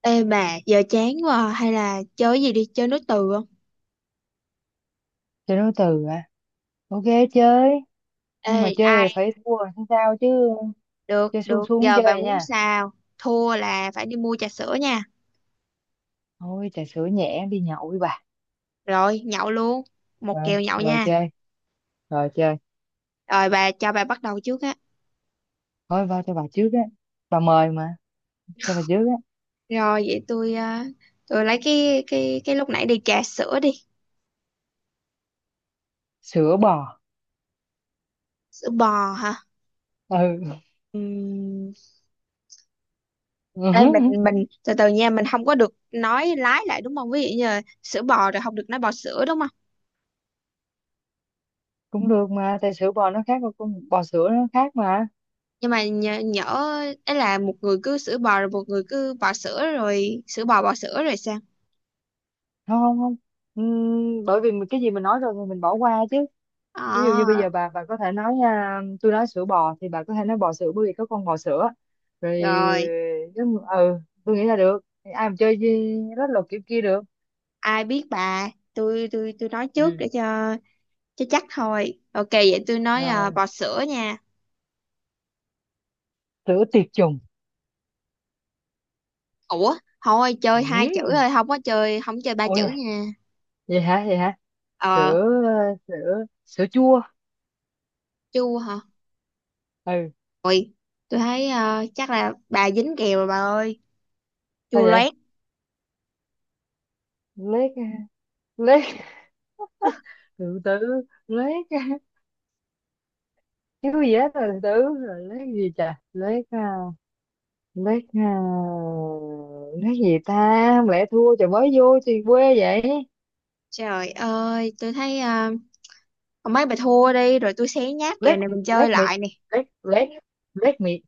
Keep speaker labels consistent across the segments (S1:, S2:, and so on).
S1: Ê bà, giờ chán quá à. Hay là chơi cái gì đi, chơi nối từ không?
S2: Chơi nối từ à? Ok, chơi.
S1: Ê,
S2: Nhưng mà chơi
S1: ai?
S2: thì phải thua làm sao chứ?
S1: Được,
S2: Chơi xuống
S1: được,
S2: xuống
S1: giờ bà
S2: chơi
S1: muốn
S2: nha.
S1: sao? Thua là phải đi mua trà sữa nha.
S2: Thôi trà sữa nhẹ đi nhậu với bà.
S1: Rồi, nhậu luôn. Một
S2: rồi
S1: kèo nhậu
S2: rồi
S1: nha.
S2: chơi rồi chơi.
S1: Rồi bà cho bà bắt đầu trước á.
S2: Thôi vào cho bà trước á, bà mời mà, cho bà trước á.
S1: Rồi vậy tôi tôi lấy cái lúc nãy đi trà sữa đi.
S2: Sữa bò.
S1: Sữa bò hả?
S2: Ừ.
S1: Ừm. Ê, mình từ từ nha, mình không có được nói lái lại đúng không? Ví dụ như là sữa bò rồi không được nói bò sữa đúng không?
S2: Cũng được mà, tại sữa bò nó khác, con bò sữa nó khác mà.
S1: Nhưng mà nhỡ ấy là một người cứ sữa bò rồi một người cứ bò sữa rồi sữa bò bò sữa rồi sao?
S2: Không không không. Bởi vì mình- cái gì mình nói rồi thì mình bỏ qua chứ.
S1: ờ
S2: Ví dụ như bây giờ bà có thể nói à, tôi nói sữa bò thì bà có thể nói bò sữa, bởi vì có con bò sữa. Rồi.
S1: Rồi,
S2: Nếu... ừ, tôi nghĩ là được. Ai mà chơi gì rất là kiểu kia được.
S1: ai biết bà. Tôi nói trước
S2: Ừ.
S1: để cho chắc thôi. Ok, vậy tôi nói à,
S2: Rồi.
S1: bò sữa nha.
S2: Sữa tiệt trùng.
S1: Ủa, thôi chơi hai chữ
S2: Ừ.
S1: thôi, không chơi ba
S2: Ôi
S1: chữ
S2: da,
S1: nha.
S2: vậy hả vậy hả?
S1: ờ
S2: Sữa, sữa chua.
S1: Chu hả?
S2: Ừ.
S1: Ôi, tôi thấy chắc là bà dính kèo rồi bà ơi.
S2: Sao
S1: Chua
S2: vậy?
S1: loét.
S2: Lết. Lết. Từ từ. Lết. Cái gì hết rồi, từ từ. Rồi lết gì, chà, lết à, lát gì ta? Không lẽ thua, trời mới vô thì quê vậy.
S1: Trời ơi, tôi thấy mấy bà thua đi rồi tôi xé nhát kèo
S2: Lát.
S1: này mình chơi
S2: Lát mì.
S1: lại nè.
S2: Lát lát. Lát mì.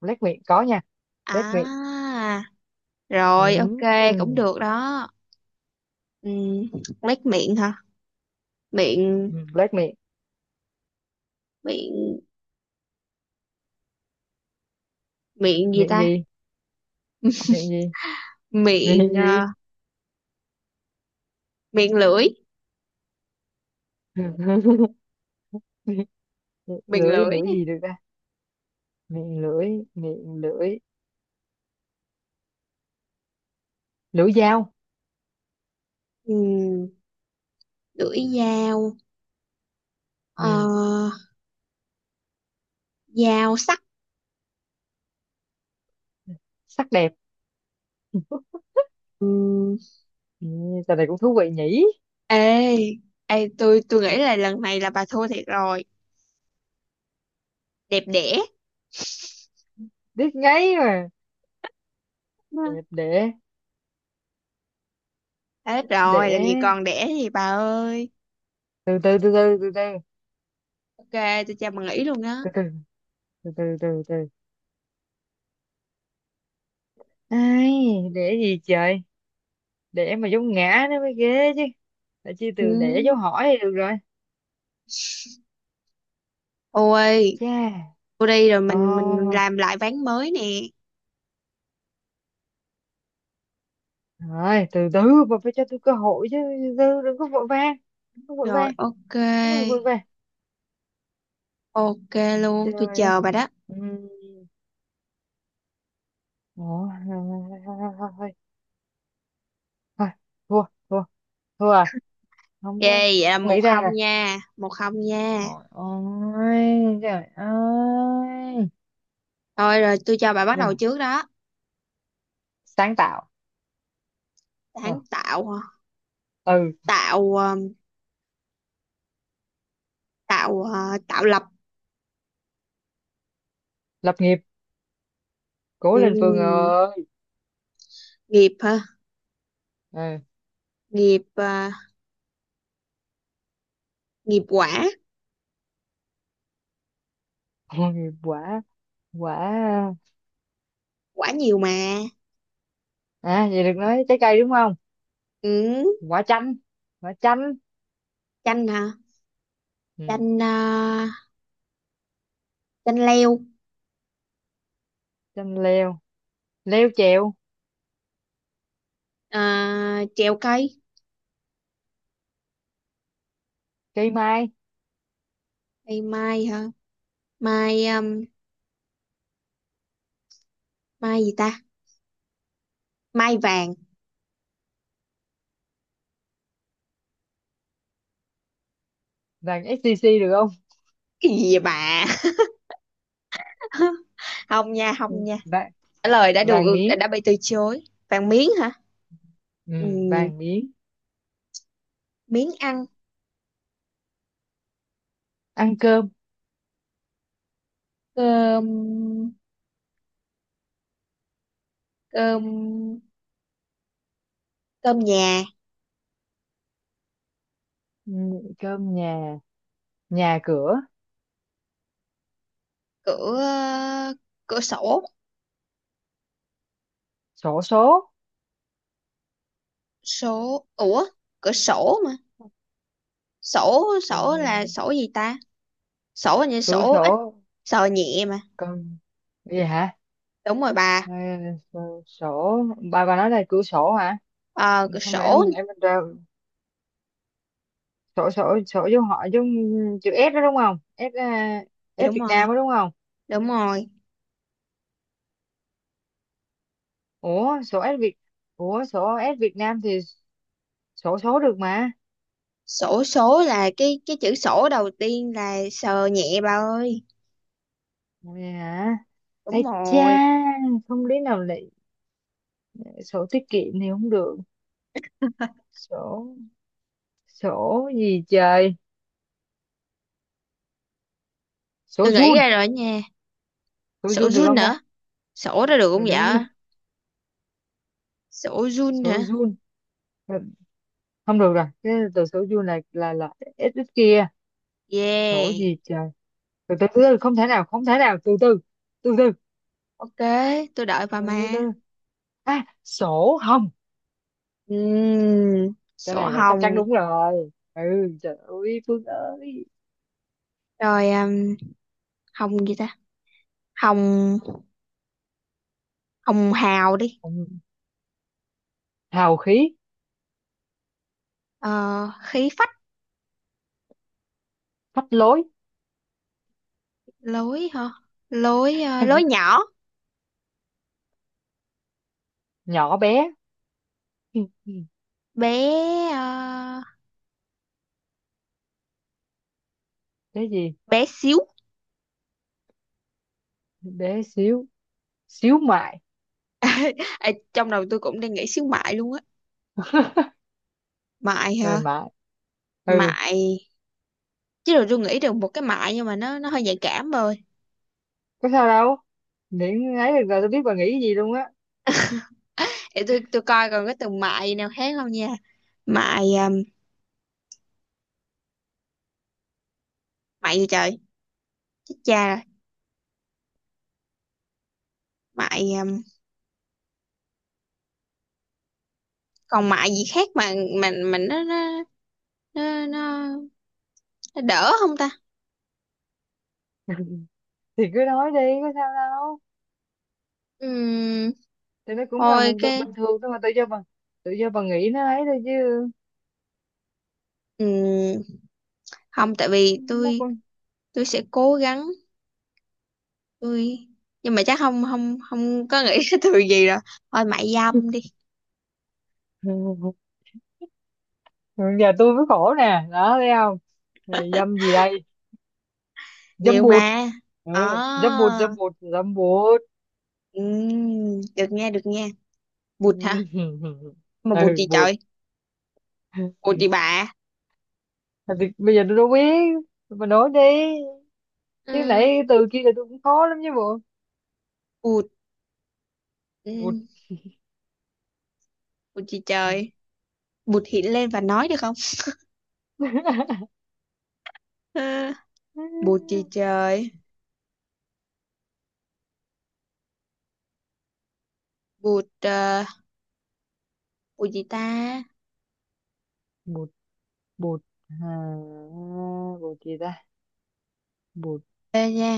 S2: Lát mì có nha. Lát mì.
S1: À, rồi ok cũng
S2: Ừm,
S1: được đó. Ừm, lách miệng hả? Miệng.
S2: lát mì.
S1: Miệng. Miệng gì
S2: Miệng
S1: ta?
S2: gì? Miệng gì? Miệng
S1: Miệng
S2: gì?
S1: miệng lưỡi, miệng
S2: Lưỡi,
S1: lưỡi
S2: lưỡi
S1: đi.
S2: gì được ta? Miệng lưỡi. Miệng lưỡi. Lưỡi dao.
S1: Ừm, lưỡi dao, ờ,
S2: Ừ.
S1: dao sắc.
S2: Sắc đẹp.
S1: Ừm.
S2: Ừ. Trò này cũng thú vị nhỉ.
S1: Ê, ê tôi nghĩ là lần này là bà thua thiệt rồi. Đẹp đẽ.
S2: Biết ngay mà. Đẹp để.
S1: Hết rồi, làm gì
S2: Để.
S1: còn đẻ gì bà ơi.
S2: Từ từ từ từ từ.
S1: Ok, tôi cho bà nghỉ luôn đó.
S2: Từ từ từ. Từ từ từ từ. Ai, đẻ gì trời, đẻ mà dấu ngã nó mới ghê chứ. Tại chi
S1: Ừ.
S2: từ đẻ dấu hỏi thì được rồi. Ây
S1: Ôi,
S2: cha.
S1: tôi đi rồi. Mình
S2: Ồ,
S1: làm lại ván mới nè.
S2: rồi, từ từ. Bà phải cho tôi cơ hội chứ, từ từ đừng có vội vàng, đừng có vội
S1: Rồi
S2: vàng,
S1: ok.
S2: đừng có vội vàng.
S1: Ok luôn, tôi
S2: Trời ơi.
S1: chờ bà đó.
S2: Ừm. Ủa, thôi, thôi, thôi, thua, thua, thua à, không
S1: Ghê,
S2: có.
S1: vậy là
S2: Không
S1: một
S2: nghĩ ra rồi.
S1: không nha, 1-0 nha.
S2: Trời ơi, trời ơi.
S1: Thôi rồi tôi cho bà bắt
S2: Rồi,
S1: đầu trước đó.
S2: sáng tạo. Ờ,
S1: Sáng tạo hả?
S2: ừ.
S1: Tạo tạo tạo lập.
S2: Lập nghiệp, cố lên Phương
S1: Ừm,
S2: ơi.
S1: nghiệp hả?
S2: Ừ.
S1: Nghiệp nghiệp quả,
S2: Ôi, quả. Quả.
S1: quả nhiều mà.
S2: À, vậy được nói trái cây đúng không?
S1: Ừ,
S2: Quả chanh. Quả chanh.
S1: chanh hả?
S2: Ừ.
S1: Chanh chanh leo.
S2: Chanh leo. Leo trèo.
S1: Ờ, trèo cây,
S2: Cây mai.
S1: cây mai hả? Mai mai gì ta? Mai vàng.
S2: Vàng SCC được không?
S1: Cái gì vậy bà? Không nha,
S2: Ừ.
S1: không nha.
S2: Vàng.
S1: Trả lời đã
S2: Vàng
S1: được
S2: miếng.
S1: đã bị từ chối. Vàng miếng hả?
S2: Ừ.
S1: Ừm,
S2: Vàng miếng.
S1: miếng ăn.
S2: Ăn cơm.
S1: Cơm. Cơm. Cơm nhà.
S2: Ừ. Cơm nhà. Nhà cửa.
S1: Cửa. Cửa sổ.
S2: Sổ số.
S1: Số. Ủa, cửa sổ mà. Sổ. Sổ là
S2: Ừ.
S1: sổ gì ta? Sổ là như
S2: Cửa
S1: sổ ít,
S2: sổ.
S1: sờ nhẹ mà.
S2: Cơm. Vậy hả?
S1: Đúng rồi bà.
S2: Ờ, sổ sổ- bà nói là cửa sổ hả?
S1: Ờ, cửa
S2: Xong rồi
S1: sổ
S2: em ra. Sổ sổ sổ vô họ giống chữ S đó đúng không? S à, S
S1: nha. Đúng
S2: Việt
S1: rồi.
S2: Nam đó đúng không?
S1: Đúng rồi.
S2: Ủa sổ S Việt, ủa sổ S Việt Nam thì sổ số được mà.
S1: Sổ số là cái chữ sổ đầu tiên là sờ nhẹ bà ơi.
S2: Vậy hả?
S1: Đúng
S2: Ây cha,
S1: rồi.
S2: không lý nào lại sổ tiết kiệm thì không được. Sổ, sổ gì trời? Sổ
S1: Tôi nghĩ
S2: Jun.
S1: ra rồi nha.
S2: Sổ
S1: Sổ
S2: Jun được
S1: run
S2: không
S1: nè.
S2: ta?
S1: Sổ ra được không
S2: Được, được
S1: vậy?
S2: không ta?
S1: Sổ Jun
S2: Sổ
S1: hả?
S2: Jun. Ừ, không được rồi, cái từ sổ Jun là S ít kia. Sổ
S1: Yeah.
S2: gì trời? Từ từ từ từ, không thể nào, không thể nào, từ từ. Từ từ.
S1: Ok, tôi đợi bà
S2: Từ từ.
S1: ma.
S2: À, sổ hồng. Cái
S1: Sổ
S2: này là chắc chắn
S1: hồng.
S2: đúng rồi. Ừ, trời ơi, Phương ơi.
S1: Rồi hồng gì ta? Hồng, hồng hào đi.
S2: Ừ, hào khí.
S1: Ờ, khí phách.
S2: Phách lối.
S1: Lối hả? Lối lối nhỏ.
S2: Nhỏ bé. Ừ, ừ.
S1: Bé ờ,
S2: Cái gì?
S1: bé xíu.
S2: Bé xíu, xíu mại.
S1: Ê, trong đầu tôi cũng đang nghĩ xíu mại luôn á. Mại hả?
S2: Mềm mại. Ừ,
S1: Mại. Chứ rồi tôi nghĩ được một cái mại nhưng mà nó hơi nhạy cảm rồi.
S2: có sao đâu. Miễn ấy được rồi, tôi biết bà nghĩ cái gì luôn á.
S1: Để tôi coi còn cái từ mại nào khác không nha. Mại um, mại gì trời, chết cha rồi. Mại còn mại gì khác mà mình nó nó, nó đỡ không ta?
S2: Thì cứ nói đi, có sao đâu.
S1: Ừm,
S2: Thì nó cũng là
S1: thôi
S2: một từ
S1: cái
S2: bình thường thôi mà, tự do bà nghĩ nó ấy thôi chứ.
S1: ừm, không, tại vì
S2: Nó
S1: tôi
S2: cũng...
S1: tôi sẽ cố gắng tôi nhưng mà chắc không không không có nghĩ cái từ gì rồi. Thôi, mại dâm đi.
S2: Giờ tôi mới khổ nè, đó thấy không? Thì dâm gì đây? Dâm
S1: Nhiều
S2: bụt.
S1: mà.
S2: Ừ, dâm bụt,
S1: À,
S2: dâm bụt, dâm bụt.
S1: được nha, được nha.
S2: Ừ.
S1: Bụt hả? Mà bụt
S2: Ừ,
S1: gì
S2: bụt.
S1: trời? Bụt gì bà?
S2: Thôi thì bây giờ tôi đâu biết, tôi mà nói đi chứ
S1: Ừm,
S2: nãy từ kia là tôi cũng khó lắm chứ bộ.
S1: bụt ừm,
S2: Bụt.
S1: bụt gì trời? Bụt hiện lên và nói được không? Ờ, bụt gì
S2: Ừ,
S1: trời? Bụt bụt gì ta?
S2: bụt. Bụt à, bụt gì ta? Bụt
S1: Ê nha,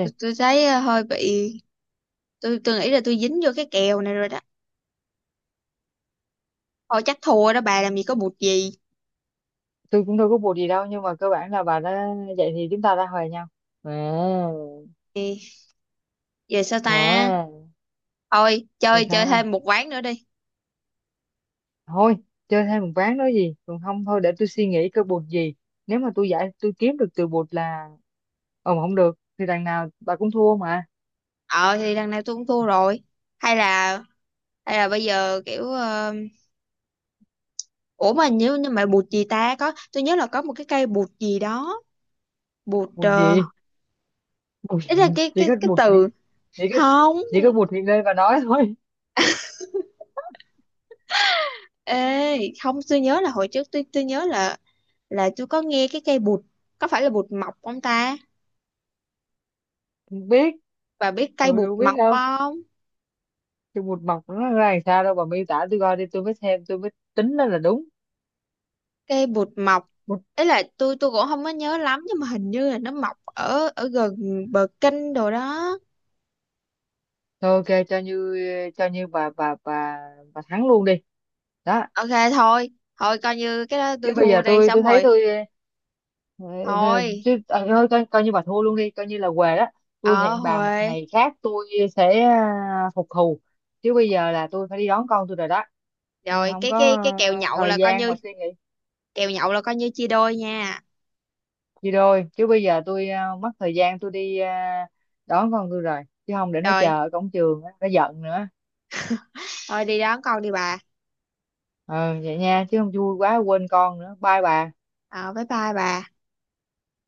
S1: tôi, tôi thấy hơi bị. Tôi nghĩ là tôi dính vô cái kèo này rồi đó. Thôi chắc thua đó bà, làm gì có bụt gì.
S2: Tôi cũng đâu có bụt gì đâu, nhưng mà cơ bản là bà đã... vậy thì chúng ta đã hòa nhau. À.
S1: Ê, giờ sao ta? Thôi
S2: À
S1: chơi chơi
S2: sao?
S1: thêm một ván nữa đi.
S2: Thôi chơi thêm một ván, nói gì còn không, thôi để tôi suy nghĩ coi bụt gì. Nếu mà tôi giải, tôi kiếm được từ bụt là... ờ mà không được thì đằng nào bà cũng thua mà.
S1: Ờ thì đằng này tôi cũng thua rồi. Hay là hay là bây giờ kiểu ủa mà nếu như mà bụt gì ta, có tôi nhớ là có một cái cây bụt gì đó. Bụt
S2: Bụt gì? Bụt
S1: ý là cái
S2: chỉ
S1: cái
S2: có
S1: cái
S2: bụt
S1: từ.
S2: hiện-, chỉ có,
S1: Không.
S2: chỉ có bụt hiện đây và nói thôi.
S1: Ê, không, tôi nhớ là hồi trước tôi nhớ là tôi có nghe cái cây bụt, có phải là bụt mọc không ta?
S2: Không biết,
S1: Bà biết cây
S2: tôi
S1: bụt
S2: đâu biết
S1: mọc
S2: đâu.
S1: không?
S2: Cái bụt mọc nó ra làm sao, đâu bà miêu tả tôi coi đi, tôi mới xem, tôi mới tính đó là đúng.
S1: Cây bụt mọc.
S2: Bụt.
S1: Ấy là tôi cũng không có nhớ lắm nhưng mà hình như là nó mọc ở ở gần bờ kênh đồ đó.
S2: Thôi ok, cho như, cho như bà bà thắng luôn đi. Đó.
S1: Ok thôi, thôi coi như cái đó
S2: Chứ
S1: tôi
S2: bây
S1: thua
S2: giờ
S1: đi
S2: tôi
S1: xong
S2: tôi thấy
S1: rồi.
S2: tôi... ờ, ờ,
S1: Thôi,
S2: chứ à, thôi coi, coi như bà thua luôn đi, coi như là què đó. Tôi
S1: ờ
S2: hẹn bà một
S1: Huệ.
S2: ngày khác, tôi sẽ à, phục thù. Chứ bây giờ là tôi phải đi đón con tôi rồi đó, tôi
S1: Rồi
S2: không
S1: cái
S2: có
S1: cái cái
S2: thời gian mà suy nghĩ
S1: kèo nhậu là coi như chia đôi nha.
S2: gì rồi. Chứ bây giờ tôi mất thời gian, tôi đi đón con tôi rồi, chứ không để nó
S1: Rồi,
S2: chờ ở cổng trường á, nó giận nữa.
S1: thôi đi đón con đi bà.
S2: Ừ, vậy nha, chứ không vui quá quên con nữa. Bye bà.
S1: Ờ bye bye bà.